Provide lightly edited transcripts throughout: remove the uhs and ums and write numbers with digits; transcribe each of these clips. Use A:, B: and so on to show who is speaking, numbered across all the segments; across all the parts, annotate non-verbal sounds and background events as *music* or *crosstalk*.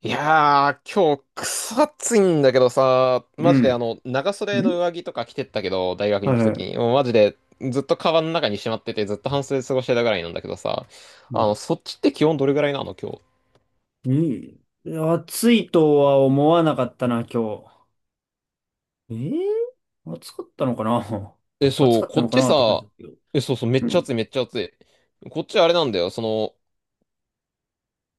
A: いやー、今日、くそ暑いんだけどさ、
B: う
A: マジで
B: ん。
A: 長袖の
B: ん
A: 上着とか着てったけど、大学に
B: はい
A: 行くと
B: は
A: き
B: い。
A: に、もうマジで、ずっとカバンの中にしまってて、ずっと半袖で過ごしてたぐらいなんだけどさ、
B: うん。
A: そっちって気温どれぐらいなの、今日。
B: に、暑いとは思わなかったな、今日。え暑かったのかな
A: え、
B: *laughs* 暑
A: そ
B: か
A: う、
B: った
A: こっ
B: のか
A: ち
B: なって感じ
A: さ、
B: だけど。
A: え、そうそう、めっ
B: う
A: ちゃ暑
B: ん。
A: い、めっちゃ暑い。こっちあれなんだよ、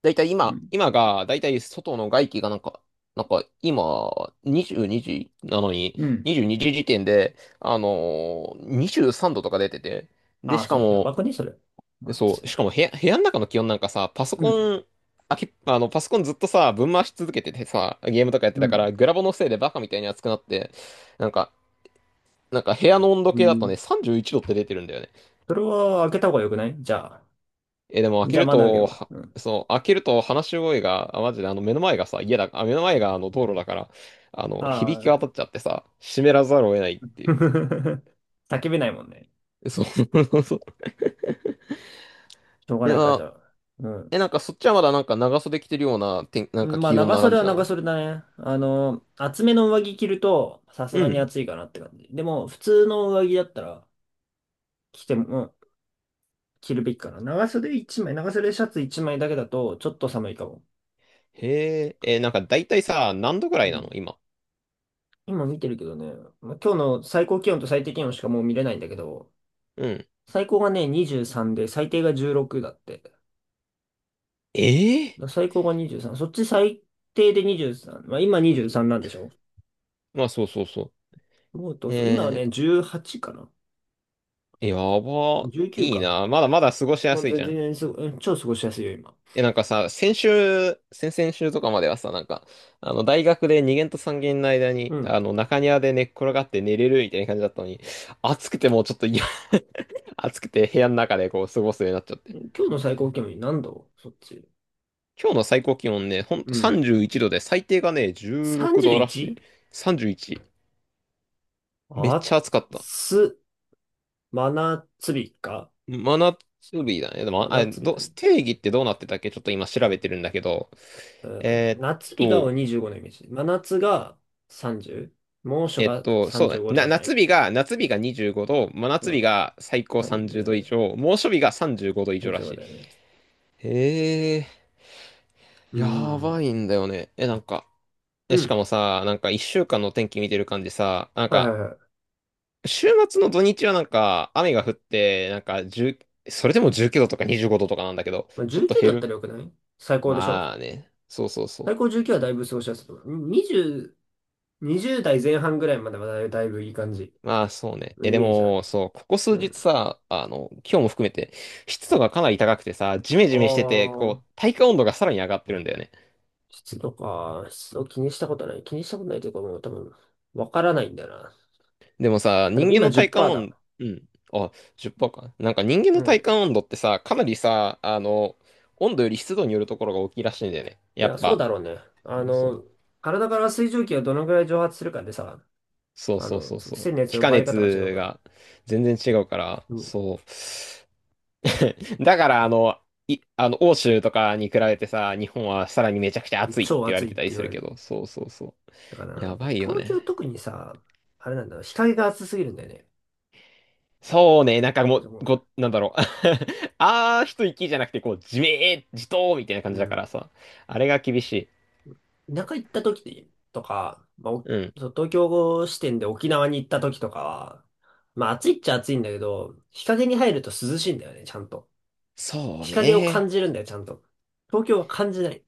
A: だいたい
B: う
A: 今、
B: ん。
A: だいたい外の外気がなんか、今、22時なのに、
B: うん。
A: 22時時点で、23度とか出てて、で、
B: ああ、
A: しか
B: そう。や
A: も、
B: ばくね、それ。待
A: そ
B: っ
A: う。
B: て。
A: しかも部屋の中の気温なんかさ、パソ
B: うん。
A: コン、あけ、あの、パソコンずっとさ、ぶん回し続けててさ、ゲームとかやって
B: う
A: たか
B: ん。
A: ら、グラボのせいでバカみたいに熱くなって、なんか、なんか部屋の温度
B: う
A: 計だと
B: ん。
A: ね、31度って出てるんだよね。
B: それは開けた方がよくない？じゃあ。
A: え、でも開
B: じ
A: け
B: ゃあ、
A: る
B: まだ開ける
A: と、
B: わ。
A: は
B: うん。
A: そう、開けると話し声が、あ、マジであの目の前がさ、家だ、あ、目の前があの道路だから、
B: あ
A: 響き
B: あ。
A: 渡っちゃってさ、湿らざるを得ないっていう。
B: *laughs* 叫べないもんね。
A: そう。*laughs* そう
B: しょうが
A: い
B: ないか、じ
A: や、
B: ゃあ。うん。
A: え、なんかそっちはまだなんか長袖着てるような、な
B: う
A: んか
B: ん、まあ、
A: 気温
B: 長
A: な感
B: 袖は
A: じな
B: 長
A: の？
B: 袖だね。厚めの上着着ると、さす
A: う
B: がに
A: ん、
B: 暑いかなって感じ。でも、普通の上着だったら、着ても、うん、着るべきかな。長袖一枚、長袖シャツ一枚だけだと、ちょっと寒いかも。
A: へえ、なんか大体さ、何度ぐら
B: う
A: いなの
B: ん、
A: 今。
B: 今見てるけどね、まあ、今日の最高気温と最低気温しかもう見れないんだけど、
A: うん。
B: 最高がね、23で、最低が16だって。だか
A: ええ、
B: ら最高が23。そっち最低で23。まあ、今23なんでしょ？
A: まあそうそうそ
B: もう
A: う。
B: どうぞ。今はね、18かな。
A: やば。
B: 19
A: いい
B: か。
A: な。まだまだ過ごしや
B: まあ、
A: すいじ
B: 全
A: ゃん。
B: 然すご、超過ごしやすいよ、今。
A: え、なんかさ、先週、先々週とかまではさ、なんか、大学で2限と3限の間
B: う
A: に、
B: ん。
A: 中庭で寝っ転がって寝れるみたいな感じだったのに、暑くてもうちょっと嫌。 *laughs* 暑くて部屋の中でこう過ごすようになっちゃって。
B: 今日の最高気温何度そっち？
A: 今日の最高気温ね、ほん
B: う
A: と
B: ん。
A: 31度で、最低がね、16度らしい。
B: 31？
A: 31。め
B: あ
A: っち
B: っ
A: ゃ暑かった。
B: つ、真夏日か。
A: 真夏日だね。で
B: 真
A: も、
B: 夏日だね。
A: 定義ってどうなってたっけ、ちょっと今調べてるんだけど。えーっ
B: 夏日が
A: と、
B: 25のイメージ。真夏が 30？ 猛暑が
A: そうだね。
B: 35とかじゃない？
A: 夏日が25度、真
B: う
A: 夏
B: ん。
A: 日が最高30度以
B: 30、
A: 上、猛暑日が35度以上らし
B: 35
A: い。
B: だよね。
A: へえ、
B: うー
A: やば
B: ん。
A: いんだよね。え、なんか、
B: う
A: え、しか
B: ん。
A: もさ、なんか1週間の天気見てる感じさ、なん
B: はい
A: か、
B: はいはい。
A: 週末の土日はなんか雨が降って、なんか1、それでも19度とか25度とかなんだけど、
B: まあ、
A: ちょっと
B: 19
A: 減
B: だった
A: る。
B: らよくない？最高でしょ？
A: まあね、そうそうそう。
B: 最高重9はだいぶ過ごしやすいと思う。20、20代前半ぐらいまではだいぶだいぶいい感じ
A: まあ、そうね。
B: の
A: え、
B: イ
A: で
B: メージあ
A: も、
B: る。
A: そう、ここ数
B: うん。
A: 日さ、今日も含めて、湿度がかなり高くてさ、ジメジ
B: あ
A: メしてて、
B: あ、
A: こう、体感温度がさらに上がってるんだよね。
B: 湿度か。湿度気にしたことない。気にしたことないというかもう多分、わからないんだよな。
A: でもさ、
B: あ、で
A: 人
B: も
A: 間
B: 今
A: の体感
B: 10%
A: 温、
B: だ。
A: うん。あ、10%か。なんか人間
B: う
A: の体
B: ん。
A: 感温度ってさ、かなりさ、温度より湿度によるところが大きいらしいんだよね。
B: い
A: やっ
B: や、そう
A: ぱ。
B: だろうね。あ
A: そうそう。
B: の、体から水蒸気がどのぐらい蒸発するかでさ、
A: そうそうそう
B: そ
A: そ
B: うのや
A: う。
B: つ
A: 気
B: の
A: 化
B: 奪われ方が違う
A: 熱
B: から。
A: が全然違うから、
B: うん。
A: そう。*laughs* だから、あの、い、あの、欧州とかに比べてさ、日本はさらにめちゃくちゃ暑いって
B: 超
A: 言わ
B: 暑
A: れ
B: いっ
A: てたり
B: て言
A: す
B: わ
A: る
B: れ
A: け
B: る。
A: ど、そうそうそう。
B: だからな
A: や
B: んか、
A: ばいよ
B: 東京
A: ね。
B: 特にさ、あれなんだろう、日陰が暑すぎるんだよね。
A: そうね、なんか
B: ま
A: も
B: あで
A: う、
B: も、
A: なんだろう。*laughs* 一息じゃなくて、こう、じめー、じとーみたいな感
B: う
A: じだか
B: ん、
A: らさ、あれが厳しい。
B: 田舎行った時とか、まあ、
A: うん。
B: そう、東京支店で沖縄に行った時とかは、まあ暑いっちゃ暑いんだけど、日陰に入ると涼しいんだよね、ちゃんと。
A: そう
B: 日陰を
A: ね。
B: 感じるんだよ、ちゃんと。東京は感じない。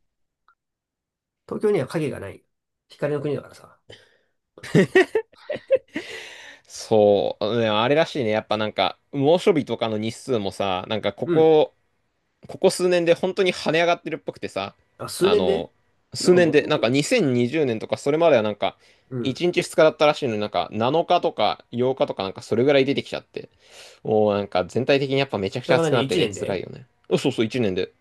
B: 東京には影がない。光の国だからさ。
A: そう。うん、あれらしいね。やっぱなんか、猛暑日とかの日数もさ、なんかこ
B: うん。
A: こ、ここ数年で本当に跳ね上がってるっぽくてさ、
B: あ、数
A: あ
B: 年で、
A: の、
B: なん
A: 数
B: か
A: 年
B: もと
A: で、
B: も
A: なんか
B: と、
A: 2020年とかそれまではなんか、
B: うん。
A: 1日2日だったらしいのになんか7日とか8日とかなんかそれぐらい出てきちゃって、もうなんか全体的にやっぱめちゃく
B: そ
A: ち
B: れ
A: ゃ
B: が
A: 暑くな
B: 何？
A: って
B: 一
A: て
B: 年
A: 辛
B: で？
A: いよね。うん、そうそう、1年で。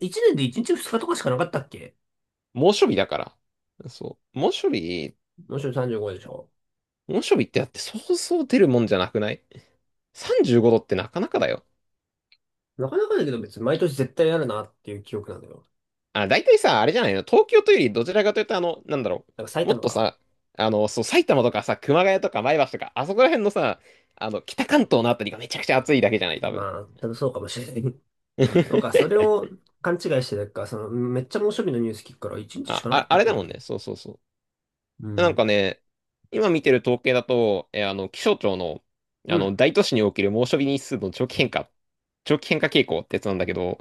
B: え一年で一日二日とかしかなかったっけ？
A: 猛暑日だから。そう。猛暑日、
B: もちろん35でしょ？
A: 猛暑日ってだってそうそう出るもんじゃなくない？ 35 度ってなかなかだよ。
B: なかなかだけど別に毎年絶対あるなっていう記憶なんだよ。
A: あ、大体さ、あれじゃないの、東京というよりどちらかというと、なんだろ
B: だから埼
A: う。もっ
B: 玉
A: と
B: か。
A: さ、そう、埼玉とかさ、熊谷とか前橋とか、あそこら辺のさ、北関東のあたりがめちゃくちゃ暑いだけじゃない、多分。
B: まあ、多分そうかもしれない。なんか、それ
A: *laughs*
B: を勘違いしてたか、その、めっちゃ猛暑日のニュース聞くから、一日し
A: あ、
B: かなかっ
A: あ、
B: た
A: あ
B: っ
A: れ
B: け
A: だもん
B: ど。
A: ね。そうそうそ
B: う
A: う。なんか
B: ん。
A: ね、今見てる統計だと、えあの、気象庁の、
B: うん。
A: 大都市における猛暑日日数の長期変化傾向ってやつなんだけど、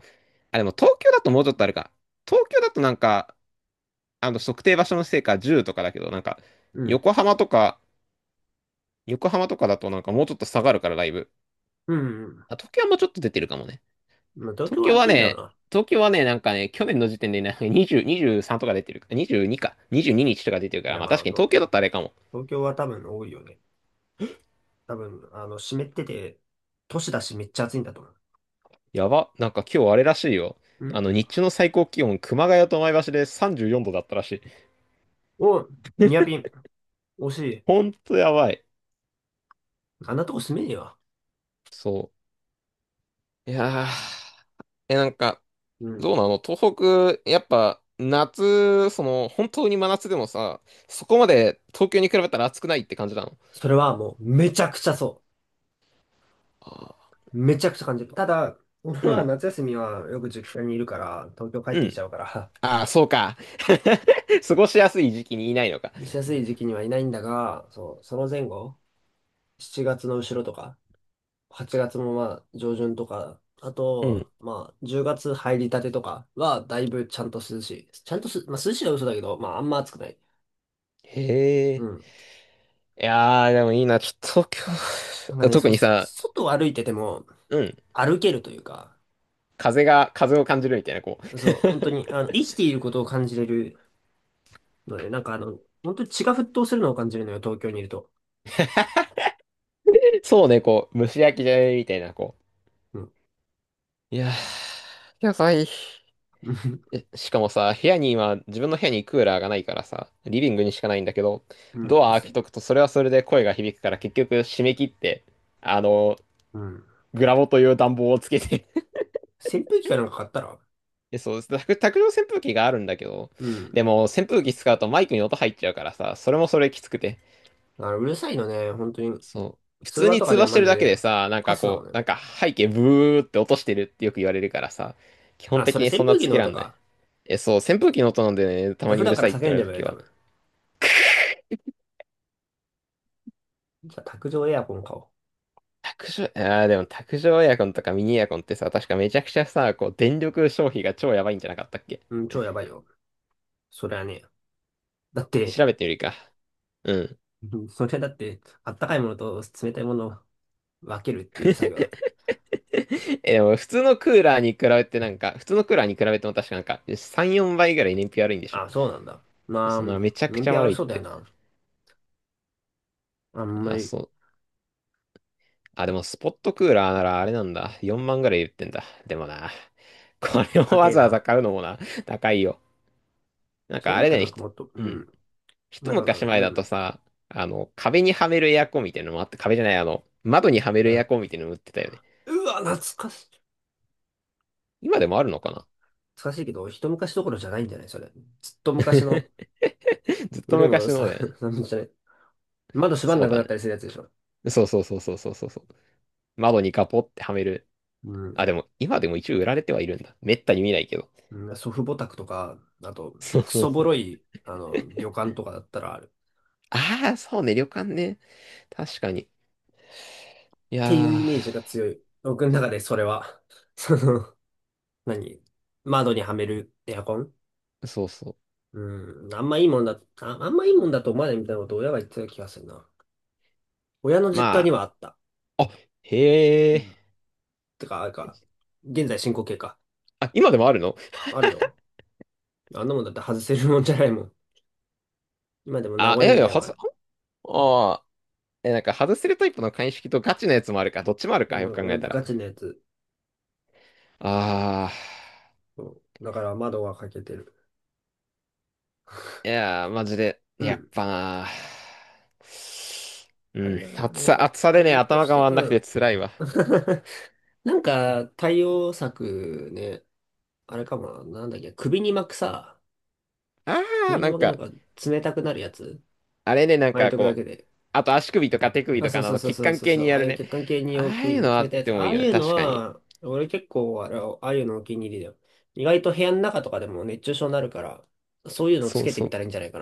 A: あ、でも東京だともうちょっとあるか。東京だとなんか、測定場所のせいか10とかだけど、なんか、
B: うん。
A: 横浜とか、横浜とか、だとなんかもうちょっと下がるからライブ。
B: うん。うん、
A: あ、東京はもうちょっと出てるかもね、
B: まあ、東
A: 東
B: 京は
A: 京は
B: 暑いんだろ
A: ね、
B: うな。
A: 東京はね、なんかね、去年の時点でね、20、23とか出てるか、22か、22日とか出てるか
B: い
A: ら、
B: や、
A: まあ
B: ま
A: 確
B: あ、
A: かに
B: そ
A: 東京
B: う、
A: だったらあれかも。
B: 東京は多分多いよね。多分、湿ってて、都市だしめっちゃ暑いんだと思う。
A: やば、なんか今日あれらしいよ。
B: うん。
A: 日中の最高気温、熊谷と前橋で34度だったらしい。
B: お、ニアピン。惜しい。
A: ほんとやばい。
B: あんなとこ住めねえわ。
A: そう。いやー、え、なんか、
B: うん。
A: どうなの東北、やっぱ、夏、その、本当に真夏でもさ、そこまで東京に比べたら暑くないって感じなの？
B: それはもう、めちゃくちゃそ
A: あ
B: う。めちゃくちゃ感じる。ただ、俺
A: ー、う
B: は
A: ん。
B: 夏休みはよく実家にいるから、東京帰っ
A: う
B: てきち
A: ん。
B: ゃうから、
A: ああ、そうか。*laughs* 過ごしやすい時期にいないのか。
B: *laughs* しやすい時期にはいないんだが、そう、その前後、7月の後ろとか、8月もまあ上旬とか、あ
A: うん。
B: と、まあ10月入りたてとかはだいぶちゃんと涼しい。ちゃんとす、まあ、涼しいは嘘だけど、まああんま暑くない。
A: へ
B: う
A: え。
B: ん。
A: いやー、でもいいな。ちょっと今
B: なんか
A: 日、*laughs*
B: ね、
A: 特
B: そう、
A: にさ、
B: 外を歩いてても
A: うん。
B: 歩けるというか、
A: 風を感じるみたいな、こう。
B: そう、本当に、生きていることを感じれるので、なんか本当に血が沸騰するのを感じるのよ、東京にいると。
A: そうね、こう、蒸し焼きじゃねみたいな、こ
B: うん。
A: う。いやー、野菜。
B: *laughs*
A: えしかもさ、部屋に今、自分の部屋にクーラーがないからさ、リビングにしかないんだけど、
B: うん。
A: ド
B: そ
A: ア
B: し
A: 開け
B: て、
A: とくと、それはそれで声が響くから、結局、締め切って、あの、
B: うん。
A: グラボという暖房をつけて、
B: 扇風機かなんか買ったら？
A: え、そうです。卓上扇風機があるんだけど、
B: うん。
A: でも扇風機使うとマイクに音入っちゃうからさ、それもそれきつくて。
B: うるさいのね、本当に。
A: そう。普
B: 通
A: 通
B: 話
A: に
B: とか
A: 通
B: で
A: 話して
B: マ
A: る
B: ジ
A: だけ
B: で、
A: でさ、なん
B: カ
A: か
B: スだもん
A: こう、
B: ね。
A: なんか背景ブーって落としてるってよく言われるからさ、基本
B: あ、そ
A: 的
B: れ
A: に
B: 扇
A: そんな
B: 風機
A: つ
B: の
A: けら
B: 音
A: んない。
B: か。
A: え、そう、扇風機の音なんでね、た
B: じゃ
A: ま
B: あ普
A: にう
B: 段
A: る
B: から
A: さいって言
B: 叫
A: わ
B: ん
A: れ
B: で
A: ると
B: もいいよ、
A: き
B: 多
A: は。
B: 分。じゃあ卓上エアコン買お
A: 卓上、あーでも卓上エアコンとかミニエアコンってさ、確かめちゃくちゃさ、こう、電力消費が超やばいんじゃなかったっけ？
B: う。うん、超やばいよ。それはね、だって、
A: 調べてみるか。うん。
B: うん、それだって、あったかいものと冷たいものを分けるっていう作業だ。
A: *laughs* え、でも普通のクーラーに比べても確かなんか、3、4倍ぐらい燃費悪いんでしょ。
B: あ、そうなんだ。まあ、
A: そのめちゃく
B: 燃
A: ちゃ
B: 費上が
A: 悪
B: り
A: いっ
B: そうだよ
A: て。
B: な。あんま
A: あ、
B: り、
A: そう。あ、でもスポットクーラーならあれなんだ。4万ぐらい言ってんだ。でもな、これを
B: 高
A: わ
B: え
A: ざわざ
B: な。
A: 買うのもな、高いよ。なん
B: そ
A: か
B: れ
A: あ
B: だっ
A: れ
B: た
A: だよ
B: ら
A: ね、
B: なんかもっと、う
A: うん。
B: ん、
A: 一
B: なんか、
A: 昔
B: う
A: 前だと
B: ん。
A: さ、壁にはめるエアコンみたいなのもあって、壁じゃない、窓にはめるエアコン
B: あ、
A: みたいなのも売ってたよね。
B: うわ、懐かしい。
A: 今でもあるのかな。
B: 懐かしいけど、一昔どころじゃないんじゃない、それ？ずっと昔
A: *laughs*
B: の
A: ずっと
B: 古いもの
A: 昔の
B: さ、
A: だよね。
B: *laughs* なんじゃない？窓閉まん
A: そう
B: なく
A: だ
B: なっ
A: ね。
B: たりするやつでしょ？
A: そうそうそうそうそうそう。窓にガポってはめる。
B: うん。
A: あ、でも、今でも一応売られてはいるんだ。めったに見ないけど。
B: うん、祖父母宅とか、あと、
A: そう
B: ク
A: そう
B: ソボ
A: そ
B: ロ
A: う。
B: い、旅館とかだったらある。っ
A: ああ、そうね、旅館ね。確かに。い
B: ていう
A: や
B: イメージが強い。僕の中でそれは。*laughs* その、何、窓にはめるエアコン？
A: ー、そうそう。
B: うん、あんまいいもんだ、あ、あんまいいもんだと思わないみたいなことを親が言ってた気がするな。親の実家
A: ま
B: にはあった。
A: あ、あ、へ
B: う
A: え。
B: ん、てか、あれか、現在進行形か。
A: あ、今でもあるの？
B: あるよ。あんなもんだって外せるもんじゃないもん。今でも名
A: あ、い
B: 残
A: やい
B: みた
A: や、
B: いなの
A: 外
B: が
A: す、
B: あ
A: ああ、え、なんか外せるタイプの鑑識とガチのやつもあるか、どっちもあるか、
B: る。
A: よく考
B: な
A: え
B: ん
A: た
B: か
A: ら。
B: ガチなやつ。
A: ああ、
B: そうだから窓が開けてる。
A: いやー、マジで、
B: う
A: やっ
B: ん。
A: ぱなー。
B: あ
A: う
B: れ
A: ん、
B: だな、
A: 暑
B: なん
A: さ、
B: か、
A: 暑さで
B: 対
A: ね、
B: 応と
A: 頭
B: し
A: が
B: て、
A: 回んな
B: う
A: くて
B: ん。
A: 辛いわ。
B: *laughs* なんか、対応策ね、あれかもな、なんだっけ、
A: ああ、
B: 首に
A: なん
B: 巻くなん
A: か、
B: か冷たくなるやつ、
A: あれね、なん
B: 巻い
A: か
B: とくだ
A: こ
B: け
A: う、
B: で。
A: あと足首とか手首
B: あ、
A: と
B: そ
A: か
B: う
A: のあ
B: そう
A: の
B: そう
A: 血
B: そう
A: 管
B: そう
A: 系
B: そう、
A: に
B: あ
A: や
B: あ
A: る
B: いう
A: ね。
B: 血管系に
A: ああいう
B: 置
A: の
B: く
A: あ
B: 冷
A: っ
B: たいや
A: て
B: つ。
A: も
B: あ
A: いい
B: あ
A: よ
B: い
A: ね、
B: うの
A: 確かに。
B: は、俺結構あれ、ああいうのお気に入りだよ。意外と部屋の中とかでも熱中症になるから、そういうのつ
A: そう
B: けて
A: そ
B: み
A: う。
B: たらいいんじゃないか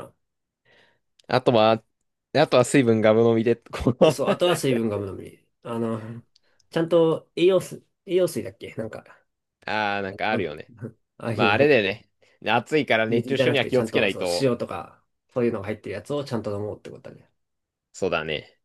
A: あとは、あとは水分ガブ飲みで、こ
B: な。
A: の。
B: そう、あと
A: *laughs*
B: は水分がむのみ。ちゃんと栄養水、栄養水だっけ、なんか。
A: ああ、なんかあ
B: なん
A: るよ
B: と
A: ね。
B: *laughs* ああい
A: まあ、
B: う
A: あ
B: の、
A: れだよね。暑いから熱
B: 水
A: 中
B: じゃ
A: 症
B: なく
A: には
B: て、
A: 気
B: ち
A: を
B: ゃん
A: つけな
B: と
A: い
B: そう、
A: と。
B: 塩とか、そういうのが入ってるやつをちゃんと飲もうってことだね。
A: そうだね。